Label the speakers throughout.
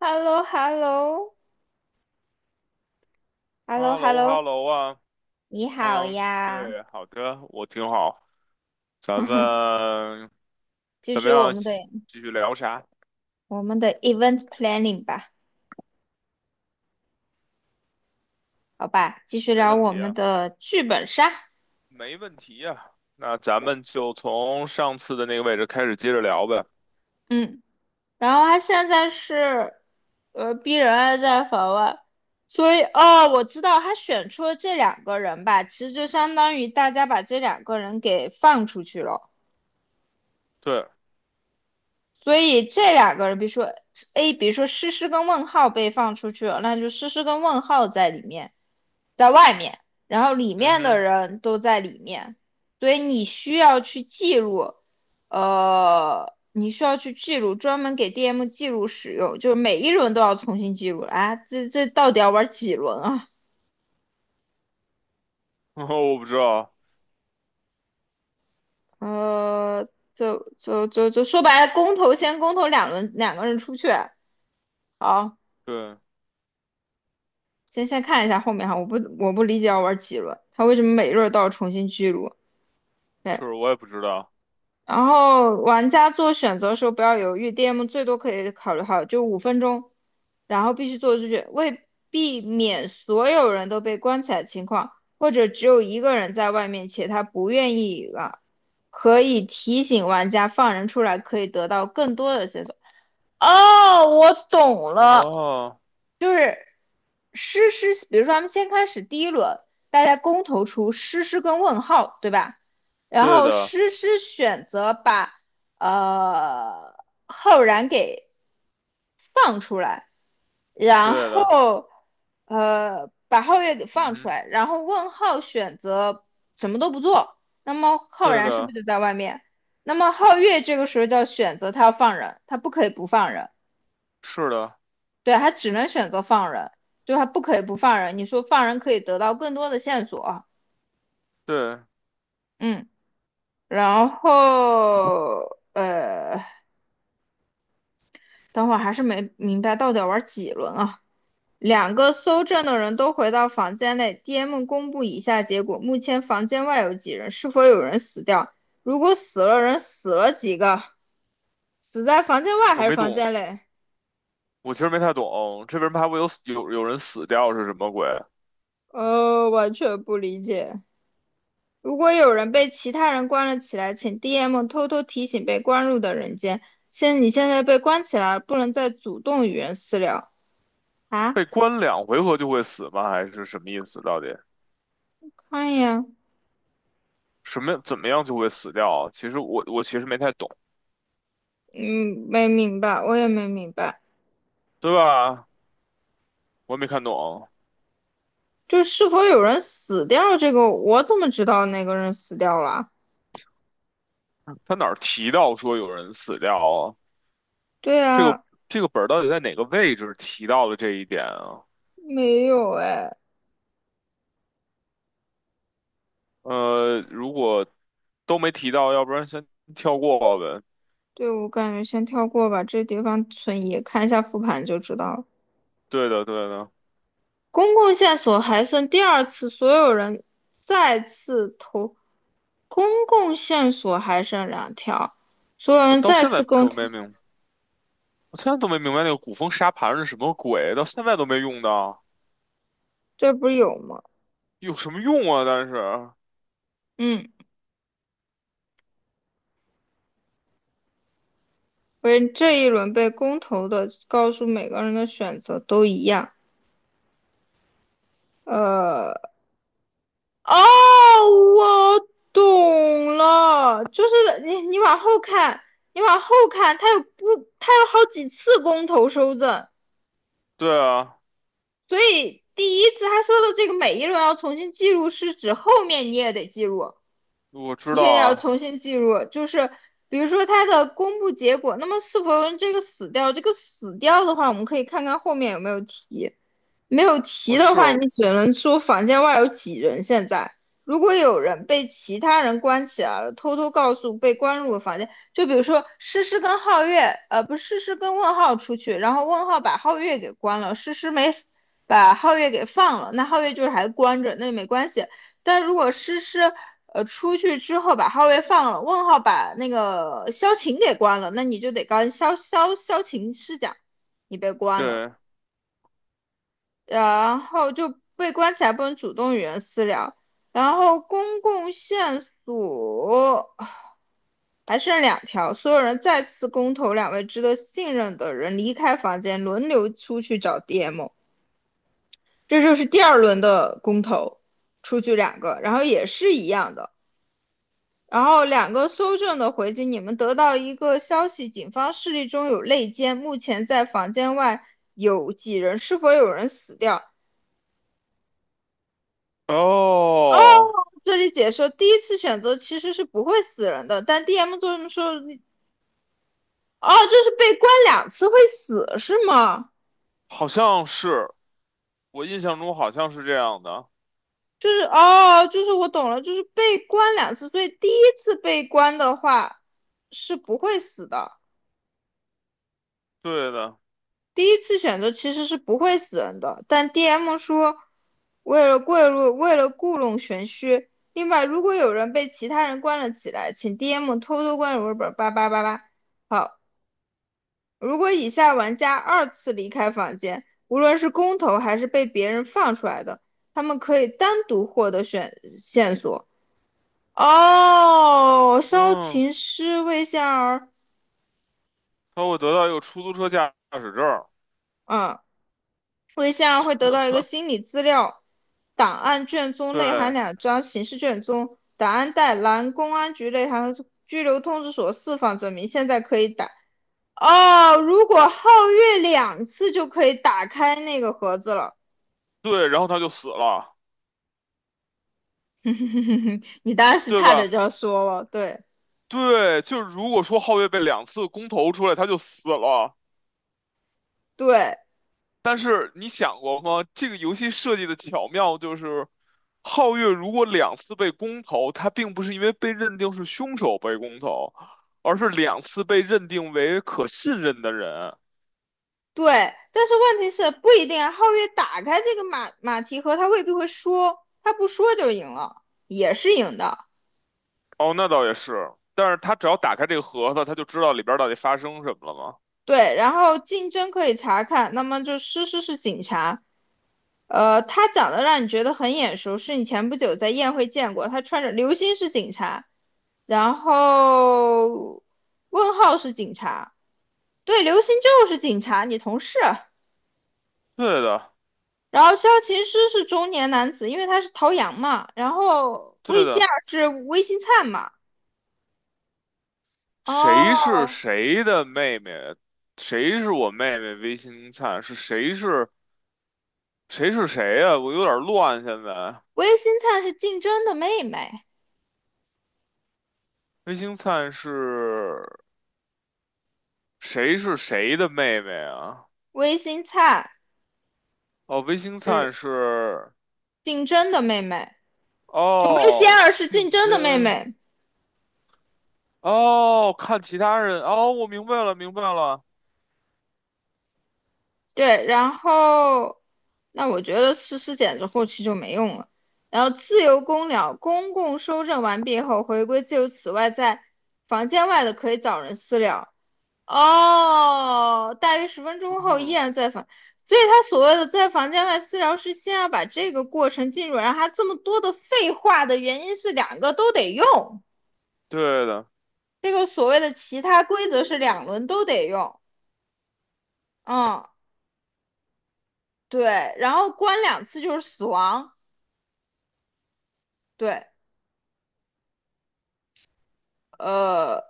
Speaker 1: h e l l o h e l l o h e l
Speaker 2: h
Speaker 1: l o
Speaker 2: e l
Speaker 1: h
Speaker 2: l
Speaker 1: e l l
Speaker 2: o
Speaker 1: o
Speaker 2: h e l l o 啊，
Speaker 1: 你
Speaker 2: 刚
Speaker 1: 好
Speaker 2: 刚
Speaker 1: 呀。
Speaker 2: 对，好的，我挺好。咱 们
Speaker 1: 继
Speaker 2: 怎么
Speaker 1: 续我
Speaker 2: 样？
Speaker 1: 们的
Speaker 2: 继续聊啥？
Speaker 1: event planning 吧。好吧，继续
Speaker 2: 没
Speaker 1: 聊
Speaker 2: 问
Speaker 1: 我
Speaker 2: 题
Speaker 1: 们
Speaker 2: 啊，
Speaker 1: 的剧本杀。
Speaker 2: 没问题呀、那咱们就从上次的那个位置开始接着聊呗。
Speaker 1: 嗯，然后他现在是，逼人还在法外，所以哦，我知道他选出了这两个人吧，其实就相当于大家把这两个人给放出去了。
Speaker 2: 对，
Speaker 1: 所以这两个人，比如说 A，比如说诗诗跟问号被放出去了，那就诗诗跟问号在里面，在外面，然后里
Speaker 2: 嗯
Speaker 1: 面的
Speaker 2: 哼，
Speaker 1: 人都在里面。所以你需要去记录，你需要去记录，专门给 DM 记录使用，就是每一轮都要重新记录啊。哎这到底要玩几轮啊？
Speaker 2: 我不知道，
Speaker 1: 呃，就说白了，公投先公投两轮，两个人出去，好。
Speaker 2: 对，
Speaker 1: 先看一下后面哈，我不理解要玩几轮，他为什么每轮都要重新记录？对，
Speaker 2: 是我也不知道。
Speaker 1: 然后玩家做选择的时候不要犹豫，DM 最多可以考虑好就五分钟，然后必须做出去，为避免所有人都被关起来的情况，或者只有一个人在外面且他不愿意了，可以提醒玩家放人出来，可以得到更多的线索。哦，我懂了。
Speaker 2: 哦，
Speaker 1: 诗诗，比如说咱们先开始第一轮，大家公投出诗诗跟问号，对吧？然
Speaker 2: 对
Speaker 1: 后
Speaker 2: 的，
Speaker 1: 诗诗选择把呃浩然给放出来，然
Speaker 2: 对的，
Speaker 1: 后把皓月给
Speaker 2: 嗯
Speaker 1: 放出
Speaker 2: 哼，
Speaker 1: 来，然后问号选择什么都不做，那么浩
Speaker 2: 对
Speaker 1: 然是不
Speaker 2: 的，
Speaker 1: 是就在外面？那么皓月这个时候就要选择他要放人，他不可以不放人。
Speaker 2: 是的，
Speaker 1: 对，他只能选择放人，就他不可以不放人。你说放人可以得到更多的线索。
Speaker 2: 对，
Speaker 1: 嗯，然后等会儿还是没明白到底要玩几轮啊？两个搜证的人都回到房间内，DM 公布以下结果：目前房间外有几人？是否有人死掉？如果死了人，死了几个？死在房间外还
Speaker 2: 我
Speaker 1: 是
Speaker 2: 没
Speaker 1: 房
Speaker 2: 懂，
Speaker 1: 间内？
Speaker 2: 我其实没太懂，这边什么还会有人死掉是什么鬼？
Speaker 1: 完全不理解。如果有人被其他人关了起来，请 DM 偷偷提醒被关入的人间，你现在被关起来了，不能再主动与人私聊啊！
Speaker 2: 被关两回合就会死吗？还是什么意思？到底
Speaker 1: 看呀。
Speaker 2: 什么怎么样就会死掉啊？其实我其实没太懂，
Speaker 1: 嗯，没明白，我也没明白。
Speaker 2: 对吧？我也没看懂，
Speaker 1: 就是是否有人死掉这个，我怎么知道那个人死掉了？
Speaker 2: 他哪儿提到说有人死掉啊？
Speaker 1: 对
Speaker 2: 这个
Speaker 1: 啊，
Speaker 2: 这个本儿到底在哪个位置提到了这一点啊？
Speaker 1: 没有哎。
Speaker 2: 如果都没提到，要不然先跳过呗。
Speaker 1: 对，我感觉先跳过吧，这地方存疑，看一下复盘就知道了。
Speaker 2: 对的，对的，
Speaker 1: 公共线索还剩第二次，所有人再次投公共线索还剩两条，所有
Speaker 2: 我
Speaker 1: 人
Speaker 2: 到
Speaker 1: 再
Speaker 2: 现在
Speaker 1: 次公
Speaker 2: 都
Speaker 1: 投。
Speaker 2: 没明，我现在都没明白那个古风沙盘是什么鬼，到现在都没用到，
Speaker 1: 这不是有吗？
Speaker 2: 有什么用啊？但是，
Speaker 1: 嗯，为这一轮被公投的，告诉每个人的选择都一样。呃，哦，我懂了，就是你往后看，你往后看，他有不，他有好几次公投收赠，
Speaker 2: 对啊，
Speaker 1: 所以第一次他说的这个每一轮要重新记录，是指后面你也得记录。
Speaker 2: 我知
Speaker 1: 你
Speaker 2: 道
Speaker 1: 也要
Speaker 2: 啊。
Speaker 1: 重新记录，就是比如说它的公布结果，那么是否用这个死掉？这个死掉的话，我们可以看看后面有没有提。没有
Speaker 2: 我
Speaker 1: 齐的
Speaker 2: 是
Speaker 1: 话，你只能说房间外有几人。现在，如果有人被其他人关起来了，偷偷告诉被关入的房间，就比如说诗诗跟皓月，不是诗诗跟问号出去，然后问号把皓月给关了，诗诗没把皓月给放了，那皓月就是还关着，那没关系。但如果诗诗出去之后把皓月放了，问号把那个萧晴给关了，那你就得告萧晴师长，你被关了。
Speaker 2: 对
Speaker 1: 然后就被关起来，不能主动与人私聊。然后公共线索还剩两条，所有人再次公投，两位值得信任的人离开房间，轮流出去找 DM。这就是第二轮的公投，出去两个，然后也是一样的。然后两个搜证的回击，你们得到一个消息，警方势力中有内奸，目前在房间外有几人，是否有人死掉？
Speaker 2: 哦，
Speaker 1: 这里解说，第一次选择其实是不会死人的，但 DM 做这么说。哦，就是被关两次会死是吗？
Speaker 2: 好像是，我印象中好像是这样的，
Speaker 1: 就是哦，就是我懂了，就是被关两次，所以第一次被关的话是不会死的。
Speaker 2: 对的，
Speaker 1: 第一次选择其实是不会死人的，但 DM 说为了贿赂，为了故弄玄虚。另外，如果有人被其他人关了起来，请 DM 偷偷关入本八八八八。好，如果以下玩家二次离开房间，无论是公投还是被别人放出来的，他们可以单独获得选线索。哦，烧
Speaker 2: 嗯，
Speaker 1: 琴师魏仙儿。
Speaker 2: 他会得到一个出租车驾驶证儿
Speaker 1: 嗯，魏仙儿会得到一个心理资料档案卷宗，内含
Speaker 2: 对
Speaker 1: 两张刑事卷宗，档案袋蓝公安局内含拘留通知所释放证明，现在可以打。哦，如果皓月两次就可以打开那个盒子了。
Speaker 2: 对，然后他就死了，
Speaker 1: 你当时
Speaker 2: 对
Speaker 1: 差
Speaker 2: 吧？
Speaker 1: 点就要说了。对
Speaker 2: 对，就如果说皓月被两次公投出来，他就死了。
Speaker 1: 对
Speaker 2: 但是你想过吗？这个游戏设计的巧妙就是，皓月如果两次被公投，他并不是因为被认定是凶手被公投，而是两次被认定为可信任的人。
Speaker 1: 对，但是问题是不一定啊。皓月打开这个马蹄盒，他未必会说，他不说就赢了，也是赢的。
Speaker 2: 哦，那倒也是，但是他只要打开这个盒子，他就知道里边儿到底发生什么了吗？
Speaker 1: 对，然后竞争可以查看，那么就诗诗是警察，他长得让你觉得很眼熟，是你前不久在宴会见过，他穿着刘星是警察，然后问号是警察。对，刘星就是警察，你同事。
Speaker 2: 对的，
Speaker 1: 然后萧琴师是中年男子，因为他是陶阳嘛。然后
Speaker 2: 对
Speaker 1: 魏仙
Speaker 2: 的，
Speaker 1: 儿是魏新灿嘛。
Speaker 2: 谁
Speaker 1: 哦，
Speaker 2: 是谁的妹妹？谁是我妹妹？微星灿是谁呀、我有点乱，现在。
Speaker 1: 魏新灿是竞争的妹妹，
Speaker 2: 魏星灿是谁是谁的妹妹啊？
Speaker 1: 魏新灿
Speaker 2: 哦，魏星灿
Speaker 1: 是
Speaker 2: 是
Speaker 1: 竞争的妹妹，就魏仙
Speaker 2: 哦，
Speaker 1: 儿是竞
Speaker 2: 竞
Speaker 1: 争的妹
Speaker 2: 争
Speaker 1: 妹。
Speaker 2: 哦，看其他人哦，我明白了，明白了，
Speaker 1: 对，然后那我觉得诗诗简直后期就没用了。然后自由公了，公共收证完毕后回归自由。此外，在房间外的可以找人私聊。哦，大约十分
Speaker 2: 嗯
Speaker 1: 钟后依
Speaker 2: 哼，
Speaker 1: 然在房，所以他所谓的在房间外私聊是先要把这个过程进入，然后他这么多的废话的原因是两个都得用，
Speaker 2: 对的，
Speaker 1: 这个所谓的其他规则是两轮都得用。嗯，对，然后关两次就是死亡。对，呃，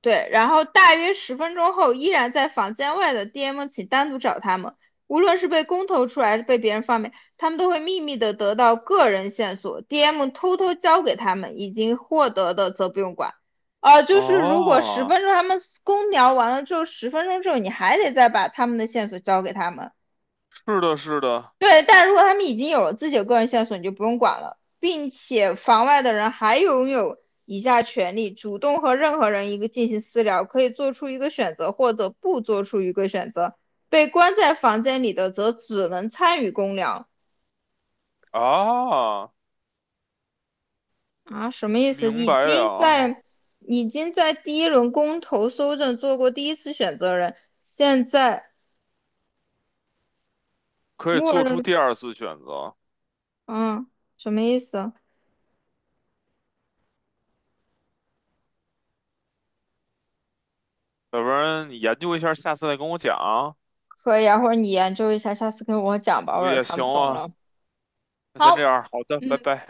Speaker 1: 对，然后大约十分钟后，依然在房间外的 DM 请单独找他们。无论是被公投出来，还是被别人放便，他们都会秘密的得到个人线索，DM 偷偷交给他们，已经获得的则不用管。就是如果十
Speaker 2: 哦，
Speaker 1: 分钟他们公聊完了之后，十分钟之后你还得再把他们的线索交给他们。
Speaker 2: 是的，是的，
Speaker 1: 对，但如果他们已经有了自己的个人线索，你就不用管了，并且房外的人还拥有以下权利：主动和任何人一个进行私聊，可以做出一个选择或者不做出一个选择。被关在房间里的则只能参与公聊。
Speaker 2: 啊，
Speaker 1: 啊，什么意思？
Speaker 2: 明白了，
Speaker 1: 已经在第一轮公投搜证做过第一次选择人，现在
Speaker 2: 可以
Speaker 1: 默
Speaker 2: 做出
Speaker 1: 认
Speaker 2: 第二次选择，
Speaker 1: 嗯，什么意思？
Speaker 2: 要不然你研究一下，下次再跟我讲啊，
Speaker 1: 可以啊，或者你研究一下，下次跟我讲吧，我
Speaker 2: 我
Speaker 1: 有点
Speaker 2: 也行
Speaker 1: 看不懂
Speaker 2: 啊，
Speaker 1: 了。
Speaker 2: 那先这
Speaker 1: 好。
Speaker 2: 样，好的，
Speaker 1: 嗯，
Speaker 2: 拜
Speaker 1: 拜拜。
Speaker 2: 拜。